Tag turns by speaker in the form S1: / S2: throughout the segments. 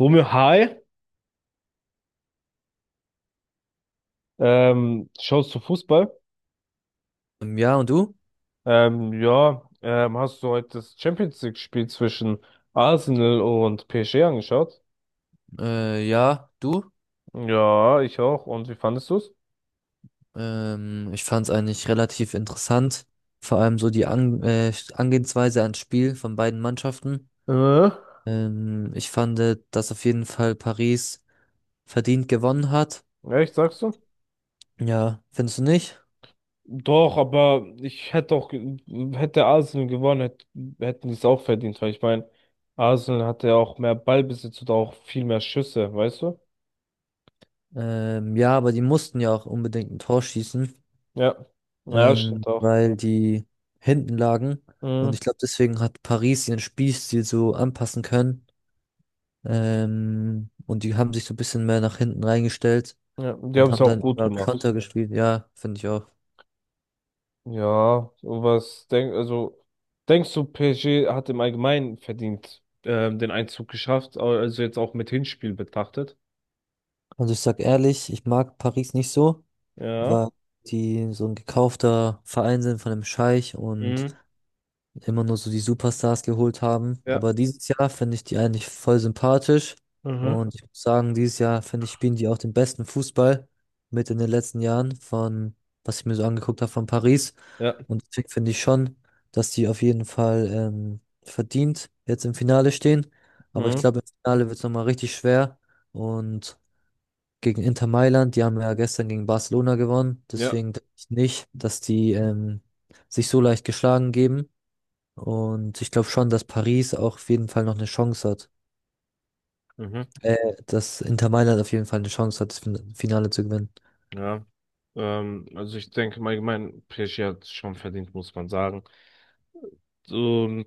S1: Romeo, hi. Schaust du Fußball?
S2: Ja, und du?
S1: Ja, hast du heute das Champions League-Spiel zwischen Arsenal und PSG angeschaut?
S2: Ja, du?
S1: Ja, ich auch. Und wie fandest du's?
S2: Ich fand es eigentlich relativ interessant. Vor allem so die An Angehensweise ans Spiel von beiden Mannschaften.
S1: Äh?
S2: Ich fand, dass auf jeden Fall Paris verdient gewonnen hat.
S1: Echt, sagst du?
S2: Ja, findest du nicht?
S1: Doch, aber ich hätte auch, hätte Arsenal gewonnen, hätten die es auch verdient, weil ich meine, Arsenal hatte ja auch mehr Ballbesitz und auch viel mehr Schüsse, weißt du?
S2: Ja, aber die mussten ja auch unbedingt ein Tor schießen,
S1: Ja. Ja, stimmt auch.
S2: weil die hinten lagen. Und
S1: Mhm.
S2: ich glaube, deswegen hat Paris ihren Spielstil so anpassen können. Und die haben sich so ein bisschen mehr nach hinten reingestellt.
S1: Ja, die haben
S2: Und
S1: es
S2: haben
S1: auch
S2: dann
S1: gut
S2: über
S1: gemacht.
S2: Konter gespielt. Ja, finde ich auch.
S1: Ja, also denkst du, PSG hat im Allgemeinen verdient den Einzug geschafft, also jetzt auch mit Hinspiel betrachtet?
S2: Also ich sag ehrlich, ich mag Paris nicht so,
S1: Ja.
S2: weil die so ein gekaufter Verein sind von einem Scheich und
S1: Mhm.
S2: immer nur so die Superstars geholt haben.
S1: Ja.
S2: Aber dieses Jahr finde ich die eigentlich voll sympathisch.
S1: Mhm.
S2: Und ich muss sagen, dieses Jahr finde ich, spielen die auch den besten Fußball mit in den letzten Jahren von, was ich mir so angeguckt habe von Paris.
S1: Ja.
S2: Und deswegen finde ich schon, dass die auf jeden Fall verdient jetzt im Finale stehen. Aber ich
S1: Mhm.
S2: glaube, im Finale wird es nochmal richtig schwer. Und gegen Inter Mailand, die haben ja gestern gegen Barcelona gewonnen.
S1: Ja.
S2: Deswegen denke ich nicht, dass die sich so leicht geschlagen geben. Und ich glaube schon, dass Paris auch auf jeden Fall noch eine Chance hat.
S1: Mhm.
S2: Äh, Dass Inter Mailand auf jeden Fall eine Chance hat, das Finale zu gewinnen.
S1: Ja. Also ich denke im Allgemeinen, PSG hat es schon verdient, muss man sagen. Und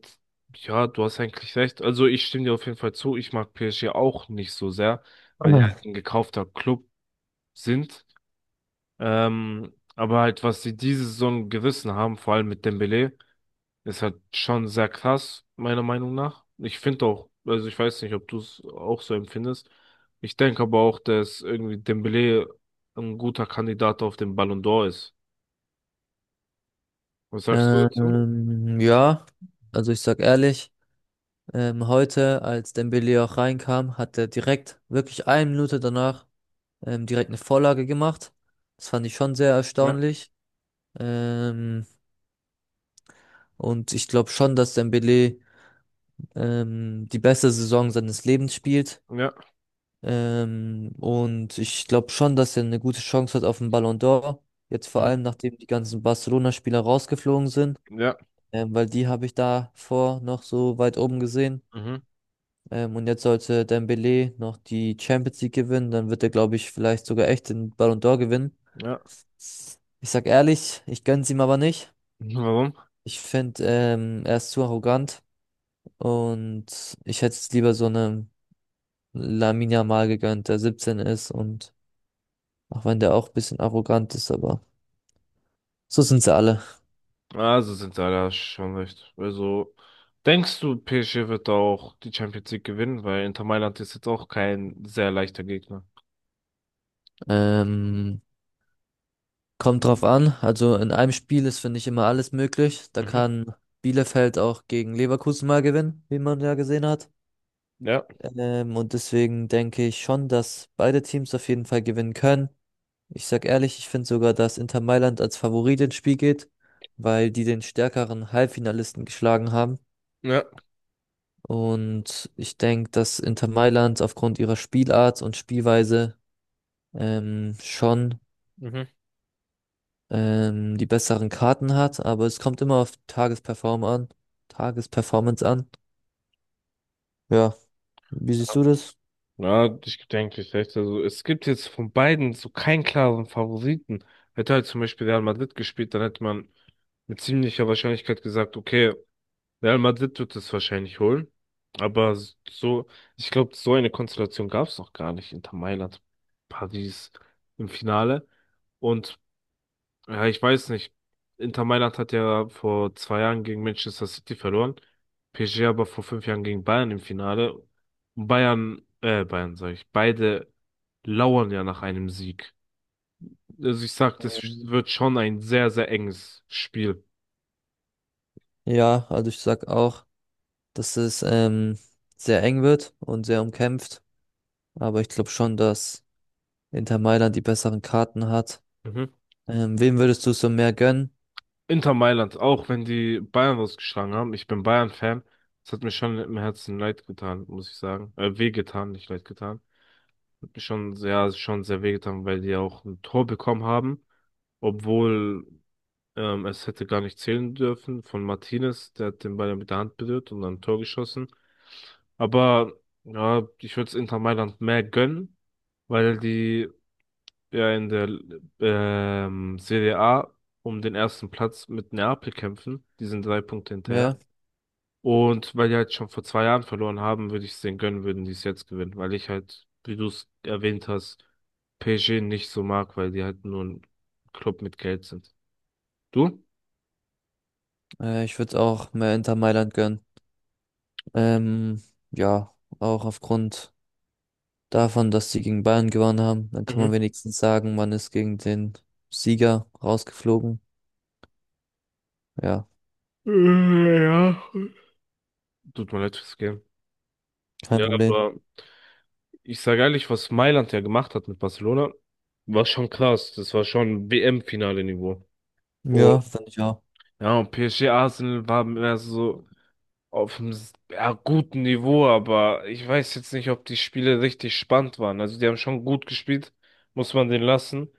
S1: ja, du hast eigentlich recht. Also ich stimme dir auf jeden Fall zu. Ich mag PSG auch nicht so sehr, weil die halt ein gekaufter Club sind. Aber halt, was sie diese Saison gerissen haben, vor allem mit Dembele, ist halt schon sehr krass, meiner Meinung nach. Ich finde auch, also ich weiß nicht, ob du es auch so empfindest. Ich denke aber auch, dass irgendwie Dembele ein guter Kandidat auf den Ballon d'Or ist. Was sagst du
S2: Ah.
S1: dazu?
S2: Ja, also ich sag ehrlich, heute, als Dembele auch reinkam, hat er direkt, wirklich eine Minute danach, direkt eine Vorlage gemacht. Das fand ich schon sehr
S1: Ja,
S2: erstaunlich. Ähm, und ich glaube schon, dass Dembele die beste Saison seines Lebens spielt.
S1: ja,
S2: Und ich glaube schon, dass er eine gute Chance hat auf den Ballon d'Or. Jetzt vor
S1: mhm,
S2: allem, nachdem die ganzen Barcelona-Spieler rausgeflogen sind,
S1: ja,
S2: weil die habe ich davor noch so weit oben gesehen.
S1: mhm,
S2: Und jetzt sollte Dembélé noch die Champions League gewinnen, dann wird er, glaube ich, vielleicht sogar echt den Ballon d'Or gewinnen.
S1: ja.
S2: Ich sag ehrlich, ich gönn's ihm aber nicht.
S1: Warum?
S2: Ich finde, er ist zu arrogant und ich hätte es lieber so einem Lamine Yamal gegönnt, der 17 ist und auch wenn der auch ein bisschen arrogant ist, aber so sind sie alle.
S1: Also sind sie alle schon recht. Also, denkst du, PSG wird auch die Champions League gewinnen? Weil Inter Mailand ist jetzt auch kein sehr leichter Gegner.
S2: Ähm, Kommt drauf an. Also in einem Spiel ist, finde ich, immer alles möglich. Da
S1: Mhm.
S2: kann Bielefeld auch gegen Leverkusen mal gewinnen, wie man ja gesehen hat.
S1: Ja,
S2: Und deswegen denke ich schon, dass beide Teams auf jeden Fall gewinnen können. Ich sag ehrlich, ich finde sogar, dass Inter Mailand als Favorit ins Spiel geht, weil die den stärkeren Halbfinalisten geschlagen haben.
S1: ja.
S2: Und ich denke, dass Inter Mailand aufgrund ihrer Spielart und Spielweise schon
S1: Mhm.
S2: die besseren Karten hat, aber es kommt immer auf Tagesperformance an. Ja, wie siehst du das?
S1: Ja, ich denke, ich recht. Also, es gibt jetzt von beiden so keinen klaren Favoriten. Hätte halt zum Beispiel Real Madrid gespielt, dann hätte man mit ziemlicher Wahrscheinlichkeit gesagt, okay, Real Madrid wird es wahrscheinlich holen. Aber so, ich glaube, so eine Konstellation gab es noch gar nicht. Inter Mailand, Paris im Finale. Und ja, ich weiß nicht. Inter Mailand hat ja vor zwei Jahren gegen Manchester City verloren. PSG aber vor fünf Jahren gegen Bayern im Finale. Und Bayern sage ich, beide lauern ja nach einem Sieg. Also ich sag, das
S2: Ähm,
S1: wird schon ein sehr, sehr enges Spiel.
S2: Ja, also ich sag auch, dass es sehr eng wird und sehr umkämpft, aber ich glaube schon, dass Inter Mailand die besseren Karten hat.
S1: Mhm.
S2: Wem würdest du so mehr gönnen?
S1: Inter Mailand, auch wenn die Bayern rausgeschlagen haben. Ich bin Bayern-Fan. Das hat mir schon im Herzen leid getan, muss ich sagen. Weh getan, nicht leid getan. Schon sehr, schon sehr wehgetan, weil die auch ein Tor bekommen haben, obwohl es hätte gar nicht zählen dürfen von Martinez, der hat den Ball ja mit der Hand berührt und dann ein Tor geschossen. Aber ja, ich würde es Inter Mailand mehr gönnen, weil die ja in der Serie A um den ersten Platz mit Neapel kämpfen. Die sind drei Punkte hinterher.
S2: Ja,
S1: Und weil die halt schon vor zwei Jahren verloren haben, würde ich es denen gönnen, würden die es jetzt gewinnen, weil ich halt, wie du es erwähnt hast, PSG nicht so mag, weil die halt nur ein Club mit Geld sind. Du?
S2: ich würde auch mehr Inter Mailand gönnen. Ähm, ja, auch aufgrund davon, dass sie gegen Bayern gewonnen haben. Dann kann
S1: Mhm.
S2: man wenigstens sagen, man ist gegen den Sieger rausgeflogen. Ja,
S1: Ja. Tut mir leid fürs Game.
S2: kein
S1: Ja,
S2: Problem.
S1: aber ich sage ehrlich, was Mailand ja gemacht hat mit Barcelona, war schon krass. Das war schon WM-Finale-Niveau. Und
S2: Ja, fand ich auch.
S1: ja, und PSG Arsenal war mehr so. Auf einem ja, guten Niveau, aber ich weiß jetzt nicht, ob die Spiele richtig spannend waren. Also die haben schon gut gespielt, muss man den lassen.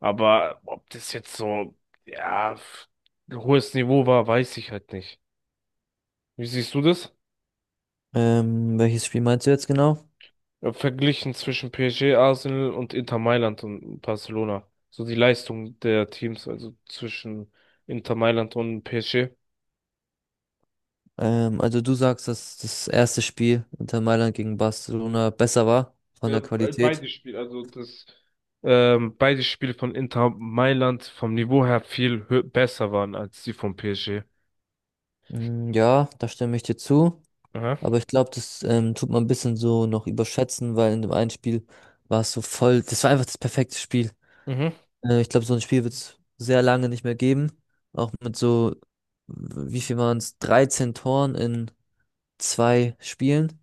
S1: Aber ob das jetzt so, ja, f- ein hohes Niveau war, weiß ich halt nicht. Wie siehst du das?
S2: Welches Spiel meinst du jetzt genau?
S1: Ja, verglichen zwischen PSG, Arsenal und Inter Mailand und Barcelona. So die Leistung der Teams, also zwischen Inter Mailand und PSG.
S2: Also du sagst, dass das erste Spiel Inter Mailand gegen Barcelona besser war von
S1: Ja,
S2: der Qualität.
S1: beide Spiele, beide Spiele von Inter Mailand vom Niveau her viel besser waren als die von PSG.
S2: Mm, ja, da stimme ich dir zu.
S1: Aha.
S2: Aber ich glaube, das tut man ein bisschen so noch überschätzen, weil in dem einen Spiel war es so voll, das war einfach das perfekte Spiel.
S1: Mhm.
S2: Ich glaube, so ein Spiel wird es sehr lange nicht mehr geben. Auch mit so, wie viel waren es? Dreizehn Toren in zwei Spielen.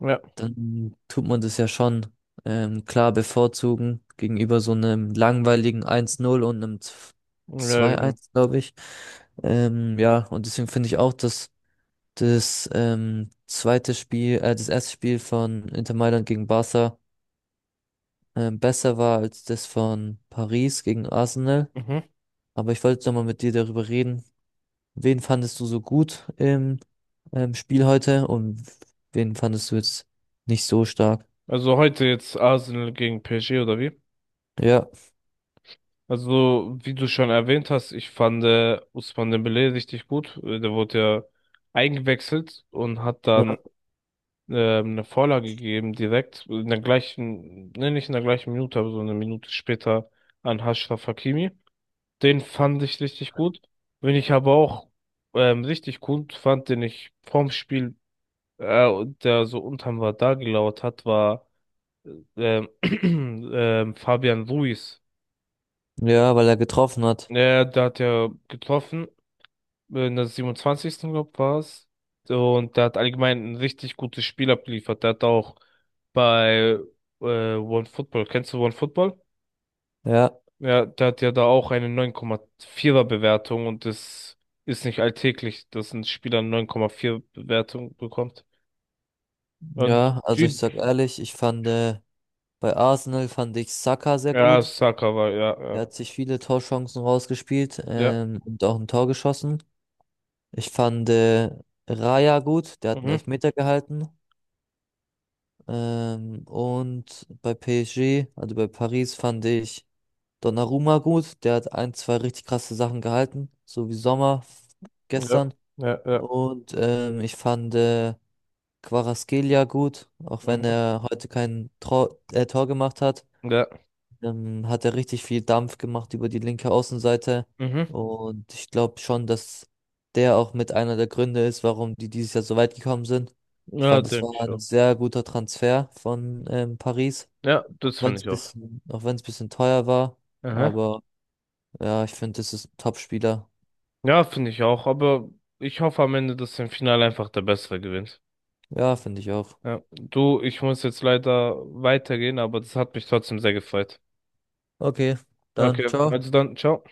S1: Ja.
S2: Dann tut man das ja schon klar bevorzugen gegenüber so einem langweiligen eins null und einem
S1: Ja,
S2: zwei
S1: genau.
S2: eins, glaube ich. Ja, und deswegen finde ich auch, dass das zweite Spiel, das erste Spiel von Inter Mailand gegen Barca besser war als das von Paris gegen Arsenal.
S1: Mhm.
S2: Aber ich wollte nochmal mit dir darüber reden. Wen fandest du so gut im Spiel heute und wen fandest du jetzt nicht so stark?
S1: Also heute jetzt Arsenal gegen PSG oder wie?
S2: Ja,
S1: Also, wie du schon erwähnt hast, ich fand Ousmane Dembélé richtig gut. Der wurde ja eingewechselt und hat dann
S2: ja,
S1: eine Vorlage gegeben direkt in der gleichen, ne, nicht in der gleichen Minute, aber so eine Minute später an Achraf Hakimi. Den fand ich richtig gut. Wenn ich aber auch richtig gut fand, den ich vorm Spiel, und der so unterm Radar gelauert hat, war Fabian Ruiz.
S2: ja, weil er getroffen hat.
S1: Der hat ja getroffen, in der siebenundzwanzigsten glaube war es. Und der hat allgemein ein richtig gutes Spiel abgeliefert. Der hat auch bei One Football, kennst du One Football?
S2: Ja,
S1: Ja, der hat ja da auch eine 9,4er Bewertung und das ist nicht alltäglich, dass ein Spieler eine 9,4 Bewertung bekommt. Und
S2: ja, also ich
S1: G-
S2: sag ehrlich, ich fand bei Arsenal fand ich Saka sehr
S1: ja,
S2: gut.
S1: Saka war, ja,
S2: Er
S1: ja,
S2: hat sich viele Torchancen rausgespielt,
S1: ja,
S2: und auch ein Tor geschossen. Ich fand Raya gut, der hat einen
S1: mhm,
S2: Elfmeter gehalten. Und bei PSG, also bei Paris, fand ich Donnarumma gut, der hat ein, zwei richtig krasse Sachen gehalten, so wie Sommer
S1: ja,
S2: gestern.
S1: ja, ja,
S2: Und ich fand Kvaratskhelia gut, auch wenn
S1: mhm,
S2: er heute kein Tor, Tor gemacht hat,
S1: ja,
S2: hat er richtig viel Dampf gemacht über die linke Außenseite.
S1: mhm,
S2: Und ich glaube schon, dass der auch mit einer der Gründe ist, warum die dieses Jahr so weit gekommen sind. Ich
S1: ja,
S2: fand, es
S1: denke
S2: war
S1: ich
S2: ein
S1: auch.
S2: sehr guter Transfer von Paris,
S1: Ja, das finde ich auch.
S2: auch wenn es bisschen teuer war,
S1: Aha.
S2: aber ja, ich finde, das ist ein Top-Spieler.
S1: Ja, finde ich auch, aber ich hoffe am Ende, dass im Finale einfach der Bessere gewinnt.
S2: Ja, finde ich auch.
S1: Ja, du, ich muss jetzt leider weitergehen, aber das hat mich trotzdem sehr gefreut.
S2: Okay,
S1: Okay,
S2: dann ciao.
S1: also dann, ciao.